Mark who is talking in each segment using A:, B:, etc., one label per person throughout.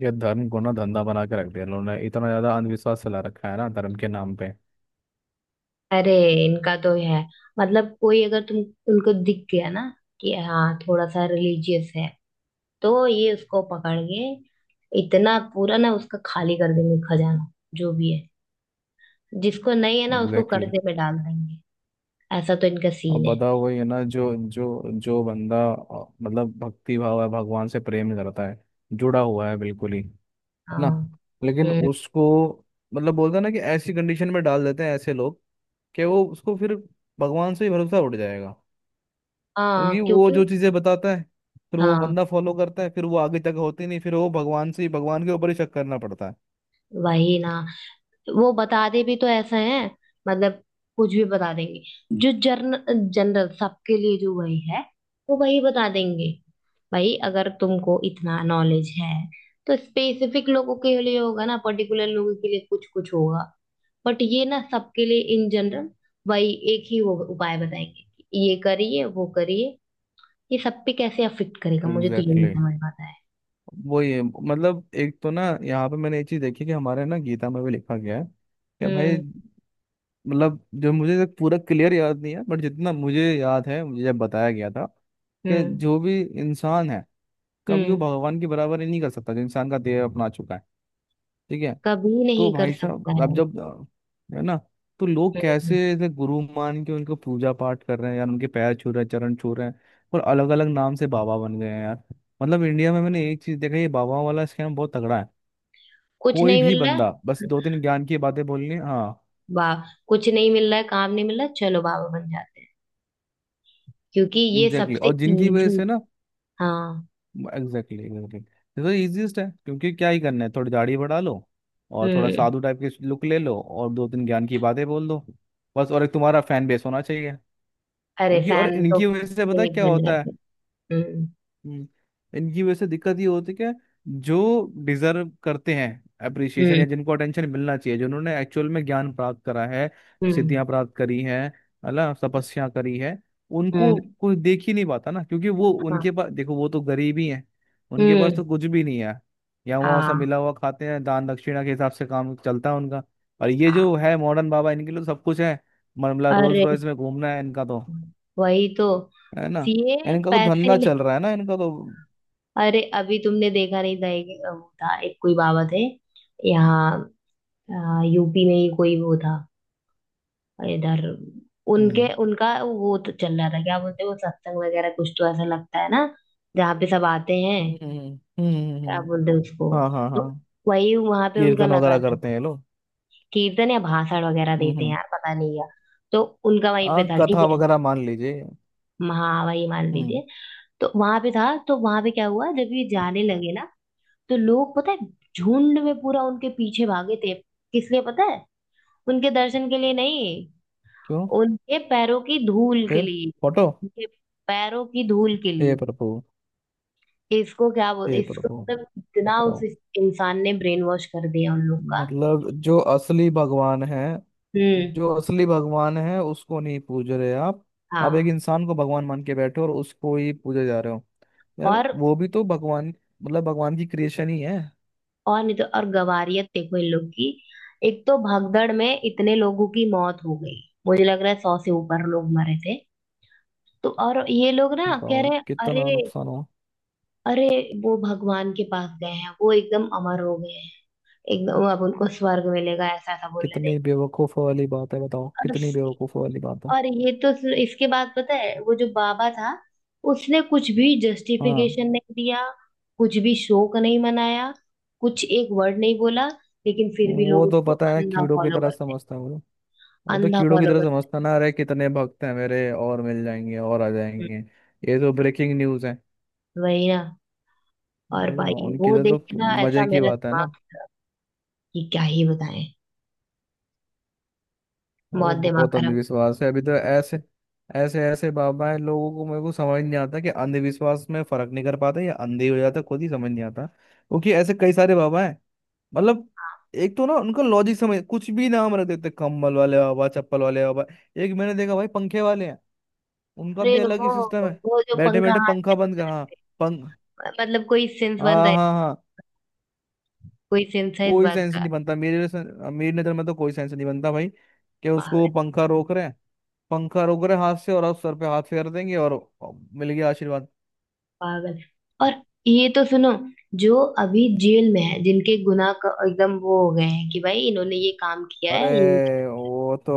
A: ये धर्म को ना धंधा बना के रख दिया इन्होंने। इतना ज्यादा अंधविश्वास फैला रखा है ना धर्म के नाम पे।
B: अरे इनका तो है। मतलब कोई अगर तुम उनको दिख गया ना कि हाँ थोड़ा सा रिलीजियस है तो ये उसको पकड़ के इतना पूरा ना उसका खाली कर देंगे खजाना जो भी है। जिसको नहीं है ना उसको
A: एग्जैक्टली exactly।
B: कर्जे में डाल देंगे। ऐसा तो इनका
A: और
B: सीन है।
A: बताओ, वही है ना? जो जो जो बंदा मतलब भक्ति भाव है, भगवान से प्रेम करता है, जुड़ा हुआ है, बिल्कुल ही है
B: हाँ।
A: ना। लेकिन
B: हम्म।
A: उसको मतलब बोलते हैं ना कि ऐसी कंडीशन में डाल देते हैं ऐसे लोग, कि वो उसको फिर भगवान से ही भरोसा उठ जाएगा।
B: हाँ,
A: क्योंकि वो जो
B: क्योंकि
A: चीजें बताता है, फिर वो
B: हाँ
A: बंदा फॉलो करता है, फिर वो आगे तक होती नहीं, फिर वो भगवान के ऊपर ही शक करना पड़ता है।
B: वही ना। वो बताते भी तो ऐसे हैं, मतलब कुछ भी बता देंगे। जो जर्न जनरल सबके लिए जो वही है वो वही बता देंगे। भाई अगर तुमको इतना नॉलेज है तो स्पेसिफिक लोगों के लिए होगा ना, पर्टिकुलर लोगों के लिए कुछ कुछ होगा। बट ये ना सबके लिए इन जनरल वही एक ही वो उपाय बताएंगे कि ये करिए वो करिए। ये सब पे कैसे अफेक्ट करेगा मुझे तो ये नहीं
A: एग्जैक्टली
B: समझ पाता है।
A: वही है। मतलब एक तो ना, यहाँ पे मैंने एक चीज देखी कि हमारे ना गीता में भी लिखा गया है कि भाई,
B: हम्म।
A: मतलब जो मुझे तक पूरा क्लियर याद नहीं है, बट जितना मुझे याद है, मुझे जब बताया गया था कि
B: हम्म।
A: जो भी इंसान है, कभी वो
B: हम्म।
A: भगवान की बराबरी नहीं कर सकता, जो इंसान का देह अपना चुका है। ठीक है?
B: कभी
A: तो
B: नहीं कर
A: भाई
B: सकता
A: साहब, अब
B: है।
A: जब है ना, तो लोग कैसे
B: हम्म।
A: ऐसे गुरु मान के उनको पूजा पाठ कर रहे हैं, यार उनके पैर छू रहे हैं, चरण छू रहे हैं। और अलग अलग नाम से बाबा बन गए हैं यार। मतलब इंडिया में मैंने एक चीज देखा, ये बाबा वाला स्कैम बहुत तगड़ा है।
B: कुछ
A: कोई
B: नहीं
A: भी
B: मिल रहा है।
A: बंदा बस दो तीन ज्ञान की बातें बोलनी है, हाँ।
B: वाह। कुछ नहीं मिल रहा है, काम नहीं मिल रहा है, चलो बाबा बन जाते हैं, क्योंकि ये
A: एग्जैक्टली exactly।
B: सबसे
A: और जिनकी वजह
B: इजी।
A: से ना,
B: हाँ।
A: एग्जैक्टली एग्जैक्टली, ये तो easiest है। क्योंकि क्या ही करना है, थोड़ी दाढ़ी बढ़ा लो, और थोड़ा
B: हम्म।
A: साधु टाइप के लुक ले लो, और दो तीन ज्ञान की बातें बोल दो बस। और एक तुम्हारा फैन बेस होना चाहिए।
B: अरे
A: क्योंकि, और
B: फैन तो
A: इनकी वजह से पता है
B: एक
A: क्या
B: बन
A: होता है।
B: जाते हैं। हम्म।
A: हम्म, इनकी वजह से दिक्कत ये होती है कि जो डिजर्व करते हैं अप्रिसिएशन,
B: हम्म।
A: या जिनको अटेंशन मिलना चाहिए, जिन्होंने एक्चुअल में ज्ञान प्राप्त करा है,
B: हम्म।
A: सिद्धियां प्राप्त करी हैं, है ना, तपस्या करी है, उनको
B: हम्म।
A: कोई देख ही नहीं पाता ना। क्योंकि वो
B: हाँ।
A: उनके पास, देखो, वो तो गरीब ही हैं, उनके पास
B: हम्म।
A: तो कुछ भी नहीं है, या वहाँ से
B: हाँ।
A: मिला हुआ खाते हैं, दान दक्षिणा के हिसाब से काम चलता है उनका। और ये
B: हाँ।
A: जो है मॉडर्न बाबा, इनके लिए तो सब कुछ है। मतलब रोल्स
B: अरे
A: रॉयस में घूमना है इनका तो।
B: वही तो,
A: है ना,
B: सीए
A: इनका तो
B: पैसे
A: धंधा
B: ले।
A: चल रहा है ना इनका तो।
B: अरे अभी तुमने देखा नहीं था, एक वो था, एक कोई बाबा थे यहाँ, यूपी में ही कोई वो था। और इधर उनके
A: हम्म
B: उनका वो तो चल रहा था, क्या बोलते हैं वो सत्संग वगैरह कुछ तो ऐसा लगता है ना, जहाँ पे सब आते हैं।
A: हम्म।
B: क्या
A: हम्म।
B: बोलते हैं उसको?
A: हाँ हाँ
B: तो
A: हाँ।
B: वही वहां पे उनका
A: कीर्तन
B: लगा
A: वगैरह
B: था।
A: करते हैं ये लोग।
B: कीर्तन या भाषण वगैरह देते हैं
A: हम्म।
B: यार, पता नहीं क्या। तो उनका वहीं पे
A: हाँ
B: था,
A: कथा
B: ठीक है।
A: वगैरह मान लीजिए।
B: हाँ वही मान
A: हम्म।
B: लीजिए। तो वहां पे था, तो वहां पे क्या हुआ जब ये जाने लगे ना, तो लोग पता है झुंड में पूरा उनके पीछे भागे थे। किस लिए पता है? उनके दर्शन के लिए नहीं,
A: क्यों?
B: उनके पैरों की धूल के
A: फिर
B: लिए।
A: फोटो।
B: उनके पैरों की धूल के
A: हे
B: लिए।
A: प्रभु।
B: इसको क्या बोल
A: हे
B: इसको,
A: प्रभु।
B: मतलब इतना उस
A: बताओ,
B: इंसान ने ब्रेन वॉश कर दिया उन लोग का।
A: मतलब जो असली भगवान है,
B: हम्म।
A: जो असली भगवान है, उसको नहीं पूज रहे आप। आप एक
B: हाँ।
A: इंसान को भगवान मान के बैठे हो और उसको ही पूजे जा रहे हो। यार
B: और
A: वो भी तो भगवान, मतलब भगवान की क्रिएशन ही है।
B: और नहीं तो और गवारियत देखो इन लोग की। एक तो भगदड़ में इतने लोगों की मौत हो गई, मुझे लग रहा है 100 से ऊपर लोग मरे थे। तो और ये लोग ना कह
A: बताओ
B: रहे हैं,
A: कितना
B: अरे।
A: नुकसान हो।
B: अरे वो भगवान के पास गए हैं, वो एकदम अमर हो गए हैं, एकदम अब उनको स्वर्ग मिलेगा, ऐसा ऐसा बोल रहे थे।
A: कितनी बेवकूफ़ वाली बात है, बताओ
B: और
A: कितनी बेवकूफ़ वाली बात है।
B: इसके बाद पता है वो जो बाबा था, उसने कुछ भी
A: हाँ।
B: जस्टिफिकेशन नहीं दिया। कुछ भी शोक नहीं मनाया, कुछ एक वर्ड नहीं बोला, लेकिन फिर भी लोग
A: वो तो
B: उसको
A: पता है,
B: अंधा
A: कीड़ों की
B: फॉलो
A: तरह
B: करते हैं।
A: समझता है वो। वो तो
B: अंधा
A: कीड़ों की
B: फॉलो
A: तरह
B: करते
A: समझता ना, अरे कितने भक्त हैं मेरे, और मिल जाएंगे और आ
B: हैं।
A: जाएंगे। ये तो ब्रेकिंग न्यूज़ है।
B: वही ना। और
A: अरे ना,
B: भाई
A: उनके
B: वो
A: लिए तो
B: देख के ना
A: मजे
B: ऐसा
A: की
B: मेरा
A: बात है
B: दिमाग
A: ना।
B: खराब, कि क्या ही बताएं।
A: अरे
B: बहुत दिमाग
A: बहुत
B: खराब।
A: अंधविश्वास है अभी तो। ऐसे ऐसे ऐसे बाबा है, लोगों को, मेरे को समझ नहीं आता कि अंधविश्वास में फर्क नहीं कर पाते या अंधे हो जाते खुद ही, समझ नहीं आता। क्योंकि ऐसे कई सारे बाबा हैं। मतलब एक तो ना उनका लॉजिक समझ, कुछ भी नाम रख देते, कम्बल वाले बाबा, चप्पल वाले बाबा। एक मैंने देखा भाई पंखे वाले हैं, उनका
B: अरे
A: भी अलग
B: वो
A: ही सिस्टम है।
B: वो जो
A: बैठे
B: पंखा
A: बैठे
B: हाथ
A: पंखा
B: में।
A: बंद कर, हाँ। पंख।
B: मतलब कोई सेंस बन रहा
A: हाँ
B: है?
A: हाँ हाँ।
B: कोई सेंस है इस
A: कोई
B: बात
A: सेंस
B: का?
A: नहीं बनता मेरे से। मेरी नजर में तो कोई सेंस नहीं बनता भाई, कि उसको
B: पागल।
A: पंखा रोक रहे हैं। पंखा रोक रहे हैं हाथ से, और आप सर पे हाथ फेर देंगे और मिल गया आशीर्वाद।
B: पागल। और ये तो सुनो, जो अभी जेल में है, जिनके एकदम वो हो गए हैं कि भाई इन्होंने ये काम किया
A: अरे
B: है
A: वो तो,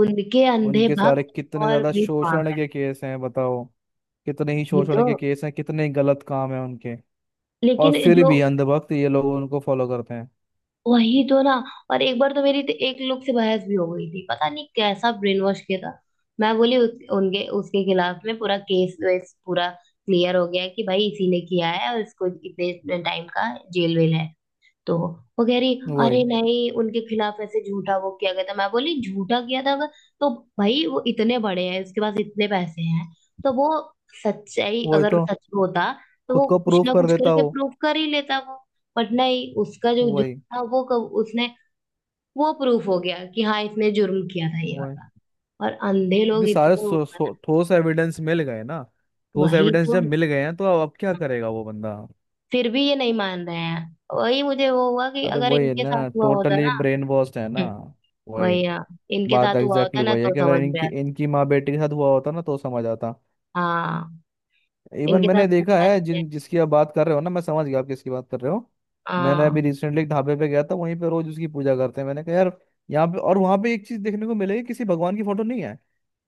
B: उनके अंधे
A: उनके सारे
B: भक्त
A: कितने
B: और
A: ज्यादा
B: भी
A: शोषण
B: पागल।
A: के केस हैं बताओ। कितने ही
B: ही
A: शोषण
B: तो।
A: के केस हैं, कितने ही गलत काम है उनके। और
B: लेकिन
A: फिर
B: जो
A: भी अंधभक्त ये लोग उनको फॉलो करते हैं।
B: वही तो ना। और एक बार तो मेरी तो एक लोग से बहस भी हो गई थी, पता नहीं कैसा ब्रेन वॉश किया था। मैं बोली उनके उसके खिलाफ में पूरा केस वेस पूरा क्लियर हो गया कि भाई इसी ने किया है और इसको इतने टाइम का जेल वेल है। तो वो कह रही, अरे
A: वही।
B: नहीं, उनके खिलाफ ऐसे झूठा वो किया गया था। मैं बोली झूठा किया था अगर, तो भाई वो इतने बड़े हैं, उसके पास इतने पैसे हैं, तो वो सच्चाई
A: वही
B: अगर
A: तो,
B: सच में होता तो वो
A: खुद को
B: कुछ
A: प्रूफ
B: ना
A: कर
B: कुछ
A: देता
B: करके
A: हो।
B: प्रूफ कर ही लेता वो। बट नहीं, उसका जो
A: वही।
B: जुर्म था वो कब उसने, वो प्रूफ हो गया कि हाँ इसने जुर्म किया था ये
A: वही।
B: वाला। और अंधे
A: क्योंकि
B: लोग
A: सारे
B: इतने वो हैं ना,
A: ठोस एविडेंस मिल गए ना। ठोस
B: वही
A: एविडेंस
B: तो
A: जब मिल गए हैं, तो अब क्या करेगा वो बंदा।
B: फिर भी ये नहीं मान रहे हैं। वही मुझे वो हुआ कि
A: अरे
B: अगर
A: वही है
B: इनके साथ
A: ना,
B: हुआ होता
A: टोटली
B: ना।
A: ब्रेन वॉश्ड है ना। वही।
B: वही हाँ, इनके
A: बात
B: साथ हुआ
A: एग्जैक्टली
B: होता
A: exactly
B: ना
A: वही है
B: तो
A: कि अगर
B: समझ में
A: इनकी
B: आता।
A: इनकी माँ बेटी के साथ हुआ होता ना, तो समझ आता।
B: हाँ।
A: इवन
B: इनके साथ
A: मैंने देखा
B: हुआ
A: है,
B: नहीं है।
A: जिन जिसकी आप बात कर रहे हो ना, मैं समझ गया आप किसकी बात कर रहे हो। मैंने अभी
B: हाँ।
A: रिसेंटली एक ढाबे पे गया था, वहीं पे रोज उसकी पूजा करते हैं। मैंने कहा यार, यहाँ पे और वहां पे एक चीज देखने को मिलेगी, किसी भगवान की फोटो नहीं है।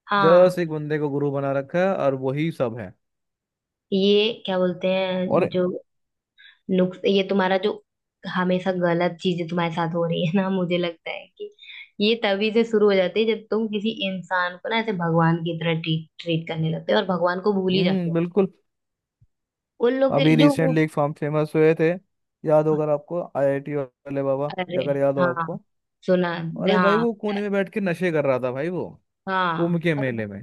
B: हाँ।
A: जस्ट एक बंदे को गुरु बना रखा है और वही सब है।
B: ये क्या बोलते हैं
A: और
B: जो नुक्स ये तुम्हारा जो हमेशा गलत चीजें तुम्हारे साथ हो रही है ना, मुझे लगता है कि ये तभी से शुरू हो जाती है जब तुम किसी इंसान को ना ऐसे भगवान की तरह ट्रीट ट्रीट करने लगते हो और भगवान को भूल ही जाते
A: हम्म, बिल्कुल।
B: हो उन लोग के
A: अभी
B: जो वो-।
A: रिसेंटली एक फार्म फेमस हुए थे, याद होगा आपको, आईआईटी वाले बाबा,
B: अरे
A: अगर याद हो
B: हाँ,
A: आपको।
B: सुना।
A: अरे भाई
B: हाँ
A: वो कोने में बैठ के नशे कर रहा था भाई वो,
B: हाँ।
A: कुंभ के मेले में।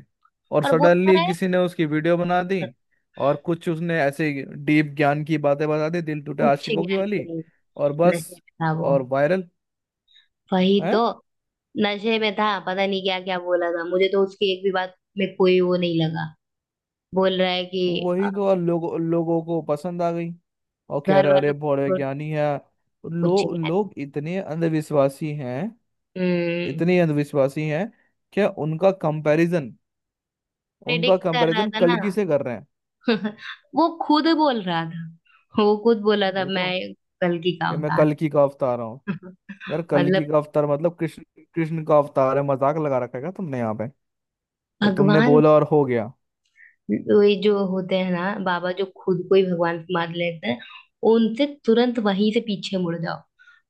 A: और
B: और बोल तो
A: सडनली
B: रहा
A: किसी ने उसकी वीडियो बना दी,
B: है।
A: और कुछ उसने ऐसे डीप ज्ञान की बातें बता दी, दिल टूटे
B: उच्च
A: आशिकों की
B: ज्ञान के
A: वाली।
B: लिए।
A: और बस,
B: नशे में था वो।
A: और वायरल
B: वही
A: है।
B: तो। नशे में था, पता नहीं क्या क्या बोला था, मुझे तो उसकी एक भी बात में कोई वो नहीं लगा। बोल रहा है कि
A: वही तो, और लोगों लोगों को पसंद आ गई। और कह
B: घर
A: रहे अरे
B: वालों
A: बड़े
B: को छोड़-
A: ज्ञानी है।
B: कुछ
A: लो,
B: यार।
A: लोग इतने अंधविश्वासी हैं,
B: हम्म।
A: इतने अंधविश्वासी हैं कि उनका कंपैरिजन, उनका
B: प्रेडिक्ट कर रहा
A: कंपैरिजन
B: था ना।
A: कल्कि से कर रहे हैं।
B: वो खुद बोल रहा था, वो खुद बोला था
A: वही तो,
B: मैं कल की
A: कि
B: काम
A: मैं
B: था।
A: कल्कि का अवतार। यार
B: मतलब
A: कल्कि का अवतार मतलब कृष्ण, कृष्ण का अवतार है। मजाक लगा रखा है क्या तुमने यहाँ पे? तो तुमने
B: भगवान,
A: बोला और हो गया।
B: ये जो होते हैं ना बाबा जो खुद को ही भगवान मान लेते हैं, उनसे तुरंत वहीं से पीछे मुड़ जाओ।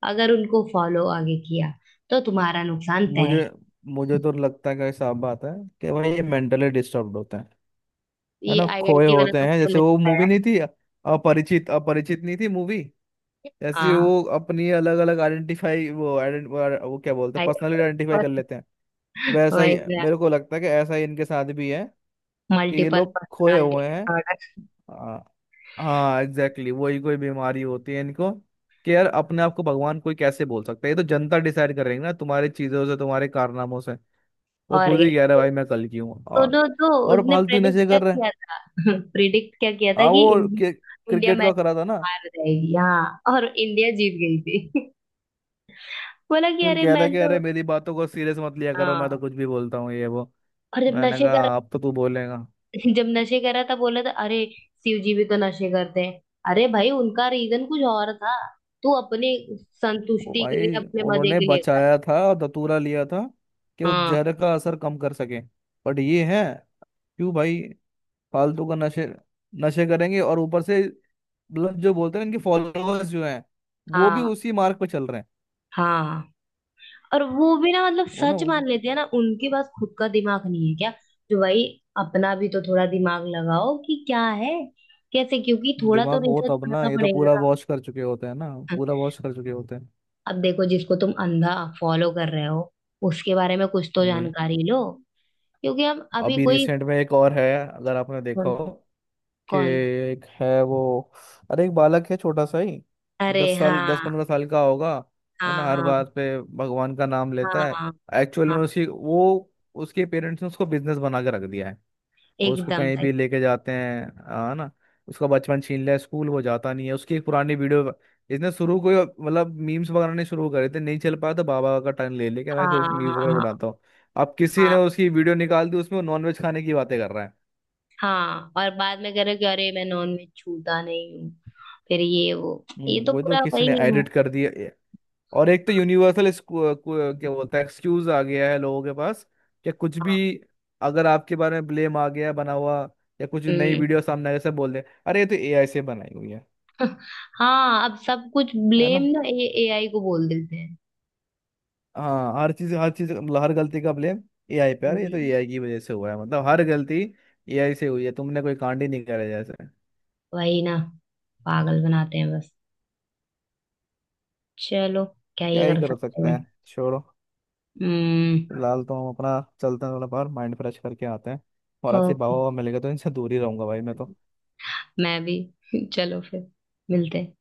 B: अगर उनको फॉलो आगे किया तो तुम्हारा नुकसान तय है।
A: मुझे मुझे तो लगता है कि साफ बात है कि भाई, ये मेंटली डिस्टर्ब होते हैं। है
B: ये
A: ना, खोए
B: आईआईटी वाला
A: होते
B: तो
A: हैं।
B: मुझे
A: जैसे वो
B: लगता है
A: मूवी नहीं थी, अपरिचित, अपरिचित नहीं थी मूवी। जैसे
B: हाँ,
A: वो अपनी अलग अलग आइडेंटिफाई, वो आइडेंट, वो क्या बोलते हैं,
B: आई,
A: पर्सनली आइडेंटिफाई कर
B: बस
A: लेते हैं। वैसा
B: वही
A: ही मेरे को लगता है कि ऐसा ही इनके साथ भी है, कि ये
B: मल्टीपल
A: लोग खोए
B: पर्सनालिटी
A: हुए हैं।
B: डिसऑर्डर।
A: हाँ एग्जैक्टली exactly, वही कोई बीमारी होती है इनको। कि यार अपने आप को भगवान कोई कैसे बोल सकता है, ये तो जनता डिसाइड करेंगे ना, तुम्हारी चीजों से, तुम्हारे कारनामों से। वो
B: और
A: खुद ही कह रहा
B: क्या।
A: है भाई मैं कल की हूँ
B: सुनो तो,
A: और
B: उसने
A: फालतू
B: प्रेडिक्ट
A: नशे
B: क्या
A: कर रहे हैं।
B: किया था? प्रेडिक्ट क्या किया था कि
A: वो
B: इंडिया इंडिया
A: क्रिकेट का
B: मैच
A: करा था ना।
B: हार जाएगी, हाँ और इंडिया जीत गई थी। बोला कि
A: तो फिर
B: अरे
A: कह रहा है
B: मैं
A: कि अरे
B: तो।
A: मेरी बातों को सीरियस मत लिया करो, मैं तो
B: हाँ,
A: कुछ भी बोलता हूँ, ये वो।
B: और जब
A: मैंने
B: नशे कर।
A: कहा अब तो तू बोलेगा।
B: जब नशे कर रहा था बोला था, अरे शिव जी भी तो नशे करते हैं। अरे भाई उनका रीजन कुछ और था, तू अपनी
A: वो
B: संतुष्टि के लिए
A: भाई
B: अपने मजे
A: उन्होंने
B: के लिए कर।
A: बचाया था और दतूरा लिया था, कि उस
B: हाँ।
A: जहर का असर कम कर सके। बट ये है, क्यों भाई, फालतू का नशे, नशे करेंगे और ऊपर से, मतलब जो बोलते हैं ना, इनके फॉलोअर्स जो हैं, वो भी
B: हाँ।
A: उसी मार्ग पर चल रहे हैं।
B: हाँ। और वो भी ना मतलब सच
A: वो,
B: मान लेते हैं ना, उनके पास खुद का दिमाग नहीं है क्या? तो भाई अपना भी तो थोड़ा दिमाग लगाओ कि क्या है कैसे, क्योंकि थोड़ा तो
A: दिमाग हो
B: रिसर्च
A: तब ना,
B: करना
A: ये तो
B: पड़ेगा
A: पूरा
B: ना।
A: वॉश कर चुके होते हैं ना, पूरा वॉश कर चुके होते हैं।
B: अब देखो जिसको तुम अंधा फॉलो कर रहे हो उसके बारे में कुछ तो
A: वही।
B: जानकारी लो। क्योंकि हम अभी
A: अभी
B: कोई
A: रिसेंट में एक और है अगर आपने देखा
B: कौन
A: हो, कि
B: कौन
A: एक है वो, अरे एक बालक है, छोटा सा ही,
B: अरे
A: 10 साल, दस
B: हाँ।
A: पंद्रह साल का होगा। है ना,
B: हाँ
A: हर
B: हाँ।
A: बात पे भगवान का नाम
B: हाँ
A: लेता है।
B: हाँ।
A: एक्चुअल में
B: हाँ,
A: उसकी वो, उसके पेरेंट्स ने उसको बिजनेस बना के रख दिया है, और उसको
B: एकदम
A: कहीं
B: सही।
A: भी लेके जाते हैं। है ना, उसका बचपन छीन लिया, स्कूल वो जाता नहीं है। उसकी एक पुरानी वीडियो, इसने शुरू को ही, मतलब मीम्स बनाने शुरू करे थे, नहीं चल पाया तो बाबा का टर्न ले लेके, मैं
B: हाँ। हाँ
A: मीम्स वगैरह
B: हाँ।
A: बनाता हूँ। अब किसी
B: हाँ।
A: ने उसकी वीडियो निकाल दी, उसमें नॉनवेज खाने की बातें कर रहा है।
B: हाँ, और बाद में करो कि अरे मैं नॉन वेज छूता नहीं हूँ, फिर ये वो ये
A: हम्म।
B: तो
A: वही तो,
B: पूरा
A: किसी
B: वही।
A: ने एडिट कर दिया ए-। और एक तो यूनिवर्सल क्या बोलता है, एक्सक्यूज आ गया है लोगों के पास, कि कुछ भी, अगर आपके बारे में ब्लेम आ गया है बना हुआ, या कुछ नई
B: हम्म।
A: वीडियो सामने आ गया, सब बोल दे अरे ये तो एआई से बनाई हुई है।
B: हाँ अब सब कुछ
A: है
B: ब्लेम
A: ना।
B: ना ए एआई को बोल देते हैं।
A: हाँ हर चीज, हर चीज मतलब हर गलती का ब्लेम एआई पे आ रहा है, ये तो
B: हम्म,
A: एआई की वजह से हुआ है, मतलब हर गलती एआई से हुई है, तुमने कोई कांड ही नहीं करे जैसे।
B: वही ना। पागल बनाते हैं बस। चलो क्या
A: क्या
B: ही
A: ही
B: कर
A: कर
B: सकते
A: सकते
B: हैं।
A: हैं, छोड़ो।
B: हम्म।
A: फिलहाल तो हम अपना चलते हैं, थोड़ा बाहर माइंड फ्रेश करके आते हैं। और अच्छे
B: ओके,
A: बाबा मिल गए तो इनसे दूर ही रहूंगा भाई मैं तो।
B: मैं भी। चलो फिर मिलते हैं।